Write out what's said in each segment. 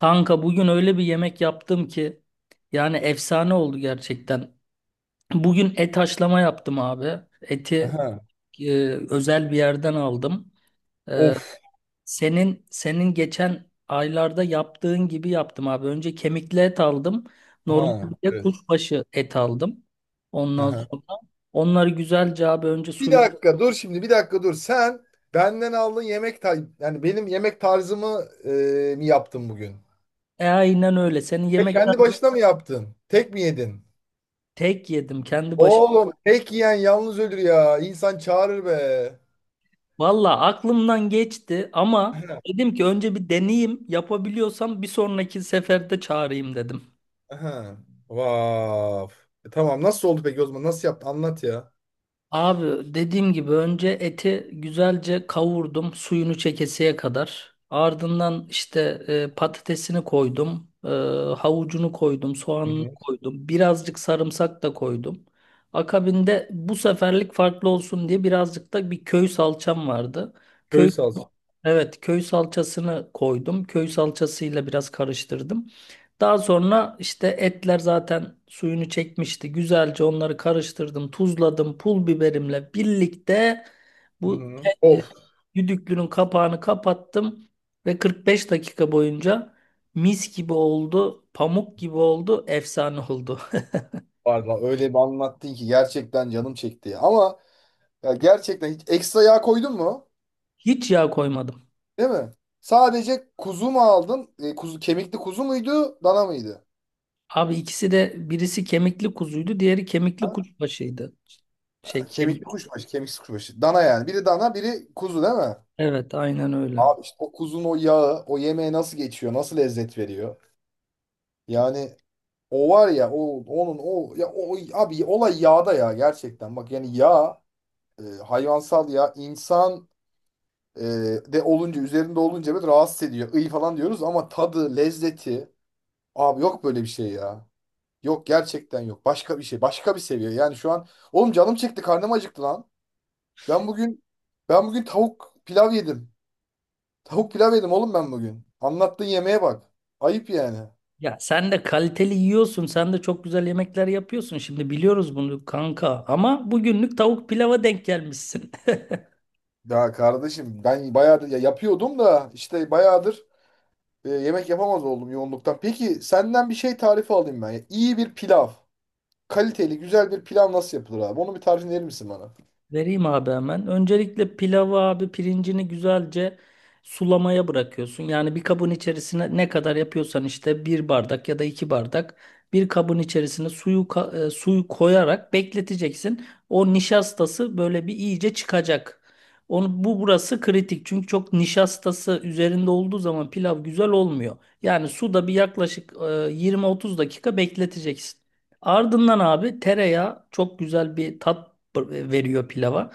Kanka bugün öyle bir yemek yaptım ki yani efsane oldu gerçekten. Bugün et haşlama yaptım abi. Eti Aha. e, özel bir yerden aldım. E, Of. senin geçen aylarda yaptığın gibi yaptım abi. Önce kemikli et aldım. Ha Normalde Evet. kuşbaşı et aldım. Ondan Aha. sonra onları güzelce abi önce Bir suyunu. dakika dur şimdi bir dakika dur. Sen benden aldığın yemek tar yani benim yemek tarzımı mi yaptın bugün? Aynen öyle. Senin Ve yemekten kendi başına mı yaptın? Tek mi yedin? tek yedim. Kendi başıma. Oğlum tek yiyen yalnız ölür ya. İnsan çağırır be. Valla aklımdan geçti ama Aha. dedim ki önce bir deneyeyim yapabiliyorsam bir sonraki seferde çağırayım dedim. Aha. Vav. Tamam nasıl oldu peki o zaman? Nasıl yaptın? Anlat ya. Abi dediğim gibi önce eti güzelce kavurdum suyunu çekesiye kadar. Ardından işte patatesini koydum, havucunu koydum, Hı soğanını hı. koydum, birazcık sarımsak da koydum. Akabinde bu seferlik farklı olsun diye birazcık da bir köy salçam vardı. Köy Köy, salça. evet, köy salçasını koydum. Köy salçasıyla biraz karıştırdım. Daha sonra işte etler zaten suyunu çekmişti. Güzelce onları karıştırdım, tuzladım, pul biberimle birlikte Hı bu hı. e, e, Of. düdüklünün kapağını kapattım ve 45 dakika boyunca mis gibi oldu, pamuk gibi oldu, efsane oldu. Valla öyle bir anlattın ki gerçekten canım çekti ya. Ama ya gerçekten hiç ekstra yağ koydun mu? Hiç yağ koymadım. Değil mi? Sadece kuzu mu aldın? Kuzu, kemikli kuzu muydu? Dana mıydı? Abi ikisi de birisi kemikli kuzuydu, diğeri kemikli Ha. kuşbaşıydı. Şey, Kemikli kemik. kuşbaşı, kemiksiz kuşbaşı. Dana yani. Biri dana, biri kuzu değil mi? Evet, aynen öyle. Abi işte o kuzun o yağı, o yemeğe nasıl geçiyor, nasıl lezzet veriyor? Yani o var ya, o onun o ya o abi olay yağda ya gerçekten. Bak yani yağ, hayvansal yağ, insan Ee, de olunca üzerinde olunca böyle rahatsız ediyor. İyi falan diyoruz ama tadı, lezzeti abi yok böyle bir şey ya. Yok gerçekten yok. Başka bir şey. Başka bir seviye. Yani şu an oğlum canım çekti, karnım acıktı lan. Ben bugün ben bugün tavuk pilav yedim. Tavuk pilav yedim oğlum ben bugün. Anlattığın yemeğe bak. Ayıp yani. Ya sen de kaliteli yiyorsun, sen de çok güzel yemekler yapıyorsun. Şimdi biliyoruz bunu kanka ama bugünlük tavuk pilava denk gelmişsin. Ya kardeşim ben bayağıdır ya yapıyordum da işte bayağıdır yemek yapamaz oldum yoğunluktan. Peki senden bir şey tarifi alayım ben. İyi bir pilav. Kaliteli güzel bir pilav nasıl yapılır abi? Onu bir tarif verir misin bana? Vereyim abi hemen. Öncelikle pilavı abi pirincini güzelce sulamaya bırakıyorsun. Yani bir kabın içerisine ne kadar yapıyorsan işte bir bardak ya da iki bardak bir kabın içerisine suyu koyarak bekleteceksin. O nişastası böyle bir iyice çıkacak. Onu, bu burası kritik çünkü çok nişastası üzerinde olduğu zaman pilav güzel olmuyor. Yani suda bir yaklaşık 20-30 dakika bekleteceksin. Ardından abi tereyağı çok güzel bir tat veriyor pilava.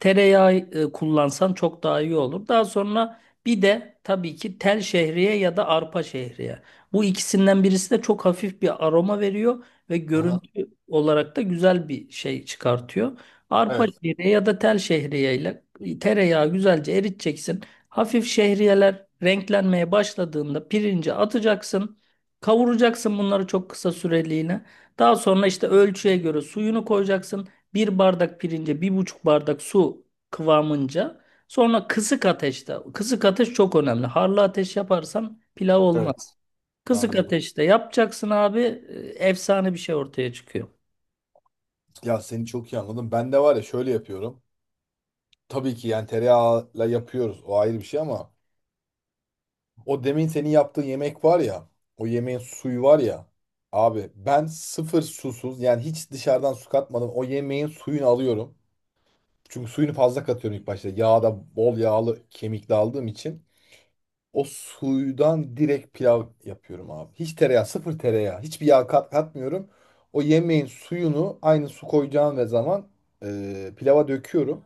Tereyağı kullansan çok daha iyi olur. Daha sonra bir de tabii ki tel şehriye ya da arpa şehriye. Bu ikisinden birisi de çok hafif bir aroma veriyor ve Aha, görüntü olarak da güzel bir şey çıkartıyor. Arpa evet, şehriye ya da tel şehriye ile tereyağı güzelce eriteceksin. Hafif şehriyeler renklenmeye başladığında pirinci atacaksın. Kavuracaksın bunları çok kısa süreliğine. Daha sonra işte ölçüye göre suyunu koyacaksın, bir bardak pirince bir buçuk bardak su kıvamınca, sonra kısık ateşte, kısık ateş çok önemli. Harlı ateş yaparsan pilav evet, olmaz. Kısık anladım. ateşte yapacaksın abi, efsane bir şey ortaya çıkıyor. Ya seni çok iyi anladım. Ben de var ya şöyle yapıyorum. Tabii ki yani tereyağıyla yapıyoruz. O ayrı bir şey ama o demin senin yaptığın yemek var ya, o yemeğin suyu var ya. Abi ben sıfır susuz yani hiç dışarıdan su katmadan o yemeğin suyunu alıyorum. Çünkü suyunu fazla katıyorum ilk başta. Yağda bol yağlı kemikli aldığım için. O suydan direkt pilav yapıyorum abi. Hiç tereyağı, sıfır tereyağı. Hiçbir yağ katmıyorum. O yemeğin suyunu aynı su koyacağım ve zaman pilava döküyorum.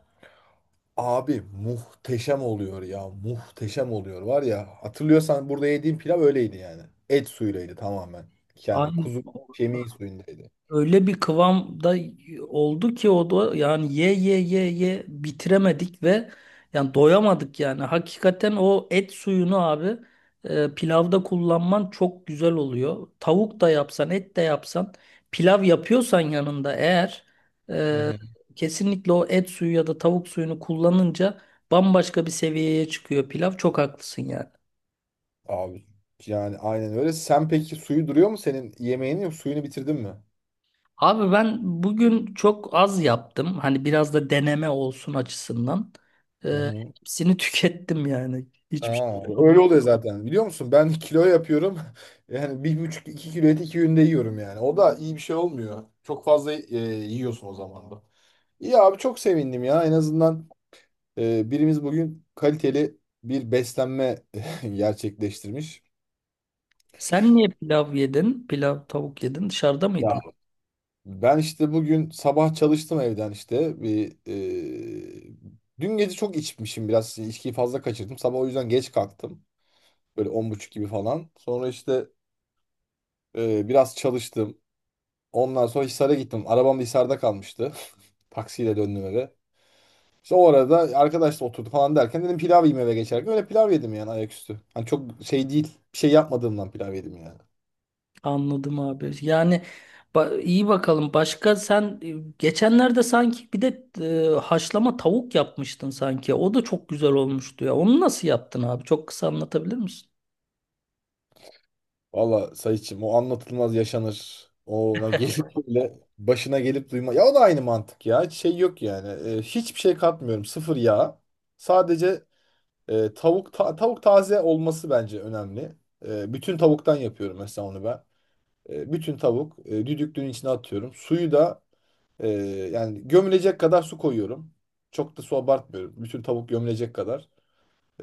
Abi muhteşem oluyor ya. Muhteşem oluyor var ya. Hatırlıyorsan burada yediğim pilav öyleydi yani. Et suyuylaydı tamamen. Yani Aynen. kuzu kemiği suyundaydı. Öyle bir kıvamda oldu ki o da, yani ye ye ye ye bitiremedik ve yani doyamadık yani. Hakikaten o et suyunu abi pilavda kullanman çok güzel oluyor. Tavuk da yapsan, et de yapsan, pilav yapıyorsan yanında, eğer Hı e, hı. kesinlikle o et suyu ya da tavuk suyunu kullanınca bambaşka bir seviyeye çıkıyor pilav. Çok haklısın yani. Abi yani aynen öyle. Sen peki suyu duruyor mu senin yemeğinin, yok suyunu bitirdin mi? Abi ben bugün çok az yaptım. Hani biraz da deneme olsun açısından. Hı Ee, hı. hepsini tükettim yani. Hiçbir Aa, şey kalmadı. öyle oluyor zaten. Biliyor musun? Ben kilo yapıyorum. Yani bir buçuk 2 kilo et 2 günde yiyorum yani. O da iyi bir şey olmuyor. Çok fazla yiyorsun o zaman da. İyi abi çok sevindim ya. En azından birimiz bugün kaliteli bir beslenme gerçekleştirmiş. Sen niye pilav yedin? Pilav, tavuk yedin. Dışarıda Ya mıydın? ben işte bugün sabah çalıştım evden işte. Dün gece çok içmişim biraz. İçkiyi fazla kaçırdım. Sabah o yüzden geç kalktım. Böyle 10.30 gibi falan. Sonra işte biraz çalıştım. Ondan sonra Hisar'a gittim. Arabam da Hisar'da kalmıştı. Taksiyle döndüm eve. İşte o arada arkadaşla oturdu falan derken dedim pilav yiyeyim eve geçerken. Öyle pilav yedim yani ayaküstü. Hani çok şey değil. Bir şey yapmadığımdan pilav yedim yani. Anladım abi. Yani iyi bakalım. Başka sen geçenlerde sanki bir de haşlama tavuk yapmıştın sanki. O da çok güzel olmuştu ya. Onu nasıl yaptın abi? Çok kısa anlatabilir misin? Valla Sayıç'ım o anlatılmaz yaşanır. Ona gelip böyle başına gelip duyma. Ya o da aynı mantık ya. Hiç şey yok yani. Hiçbir şey katmıyorum. Sıfır yağ. Sadece tavuk taze olması bence önemli. Bütün tavuktan yapıyorum mesela onu ben. Bütün tavuk düdüklüğün içine atıyorum. Suyu da e, yani gömülecek kadar su koyuyorum. Çok da su abartmıyorum. Bütün tavuk gömülecek kadar.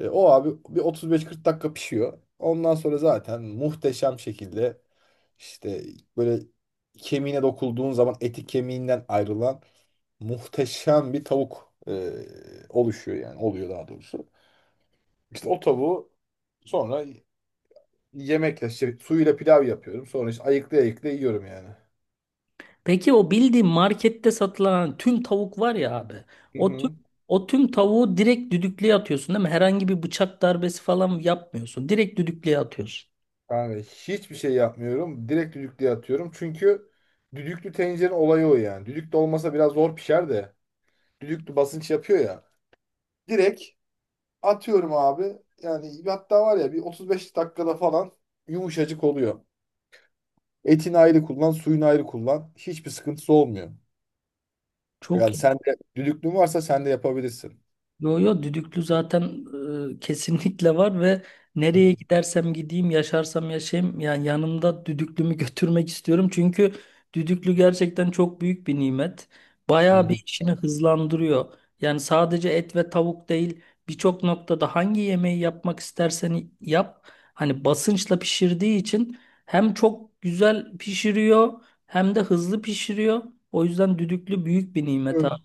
O abi bir 35-40 dakika pişiyor. Ondan sonra zaten muhteşem şekilde işte böyle kemiğine dokulduğun zaman eti kemiğinden ayrılan muhteşem bir tavuk oluşuyor yani oluyor daha doğrusu. İşte o tavuğu sonra yemekle işte suyuyla pilav yapıyorum. Sonra işte ayıklı ayıklı yiyorum yani. Peki o bildiğin markette satılan tüm tavuk var ya abi. Hı O tüm hı. o tüm tavuğu direkt düdüklüye atıyorsun değil mi? Herhangi bir bıçak darbesi falan yapmıyorsun. Direkt düdüklüye atıyorsun. Yani hiçbir şey yapmıyorum. Direkt düdüklüye atıyorum. Çünkü düdüklü tencerenin olayı o yani. Düdüklü olmasa biraz zor pişer de. Düdüklü basınç yapıyor ya. Direkt atıyorum abi. Yani hatta var ya bir 35 dakikada falan yumuşacık oluyor. Etini ayrı kullan, suyunu ayrı kullan. Hiçbir sıkıntısı olmuyor. Çok Yani sen de düdüklün varsa sen de yapabilirsin. Yo yo, düdüklü zaten kesinlikle var ve Hı nereye gidersem gideyim, yaşarsam yaşayayım yani yanımda düdüklümü götürmek istiyorum. Çünkü düdüklü gerçekten çok büyük bir nimet. Bayağı hı. bir işini hızlandırıyor. Yani sadece et ve tavuk değil, birçok noktada hangi yemeği yapmak istersen yap. Hani basınçla pişirdiği için hem çok güzel pişiriyor hem de hızlı pişiriyor. O yüzden düdüklü büyük bir nimet abi.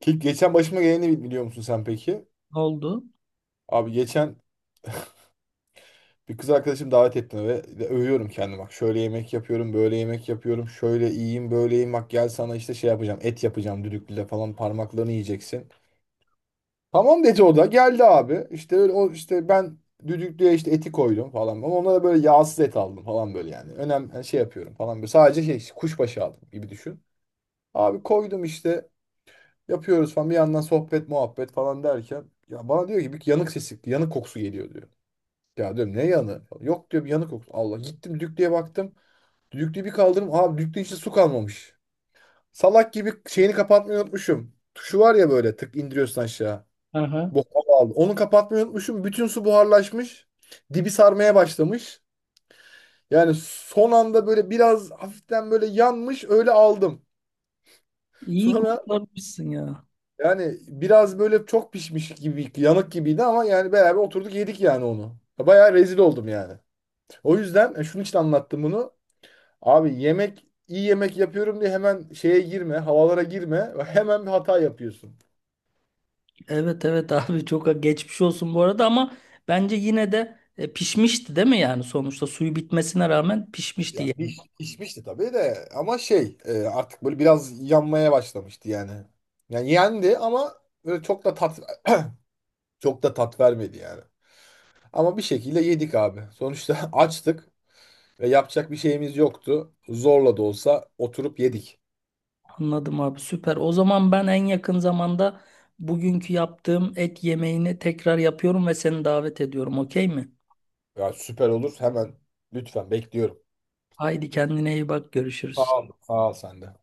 Ki geçen başıma geleni biliyor musun sen peki? Ne oldu? Abi geçen bir kız arkadaşım davet etti ve de övüyorum kendimi. Bak şöyle yemek yapıyorum, böyle yemek yapıyorum. Şöyle iyiyim, böyleyim. Bak gel sana işte şey yapacağım. Et yapacağım düdüklüyle falan, parmaklarını yiyeceksin. Tamam dedi o da. Geldi abi. İşte öyle o işte ben düdüklüye işte eti koydum falan. Ama onlara böyle yağsız et aldım falan böyle yani. Önemli yani şey yapıyorum falan. Böyle. Sadece şey kuşbaşı aldım gibi düşün. Abi koydum işte yapıyoruz falan. Bir yandan sohbet muhabbet falan derken, ya bana diyor ki bir yanık sesi, yanık kokusu geliyor diyor. Ya diyorum ne yanı? Yok diyor bir yanı koktu. Allah gittim düklüğe baktım. Düklüğü bir kaldırdım. Abi düklüğün içinde su kalmamış. Salak gibi şeyini kapatmayı unutmuşum. Tuşu var ya böyle tık indiriyorsun aşağı. Aha. Bok hava aldı. Onu kapatmayı unutmuşum. Bütün su buharlaşmış. Dibi sarmaya başlamış. Yani son anda böyle biraz hafiften böyle yanmış öyle aldım. İyi Sonra kurtarmışsın ya. yani biraz böyle çok pişmiş gibi yanık gibiydi ama yani beraber oturduk yedik yani onu. Bayağı rezil oldum yani. O yüzden şunun için anlattım bunu. Abi yemek iyi yemek yapıyorum diye hemen şeye girme, havalara girme. Hemen bir hata yapıyorsun. Evet, evet, abi çok geçmiş olsun bu arada, ama bence yine de, pişmişti değil mi, yani sonuçta suyu bitmesine rağmen pişmişti Ya yani. pişmişti tabii de ama şey artık böyle biraz yanmaya başlamıştı yani. Yani yendi ama böyle çok da tat vermedi yani. Ama bir şekilde yedik abi. Sonuçta açtık ve yapacak bir şeyimiz yoktu. Zorla da olsa oturup yedik. Anladım abi, süper. O zaman ben en yakın zamanda bugünkü yaptığım et yemeğini tekrar yapıyorum ve seni davet ediyorum, okey mi? Ya süper olur, hemen lütfen bekliyorum. Haydi, kendine iyi bak, görüşürüz. Sağ ol. Sağ ol sen de.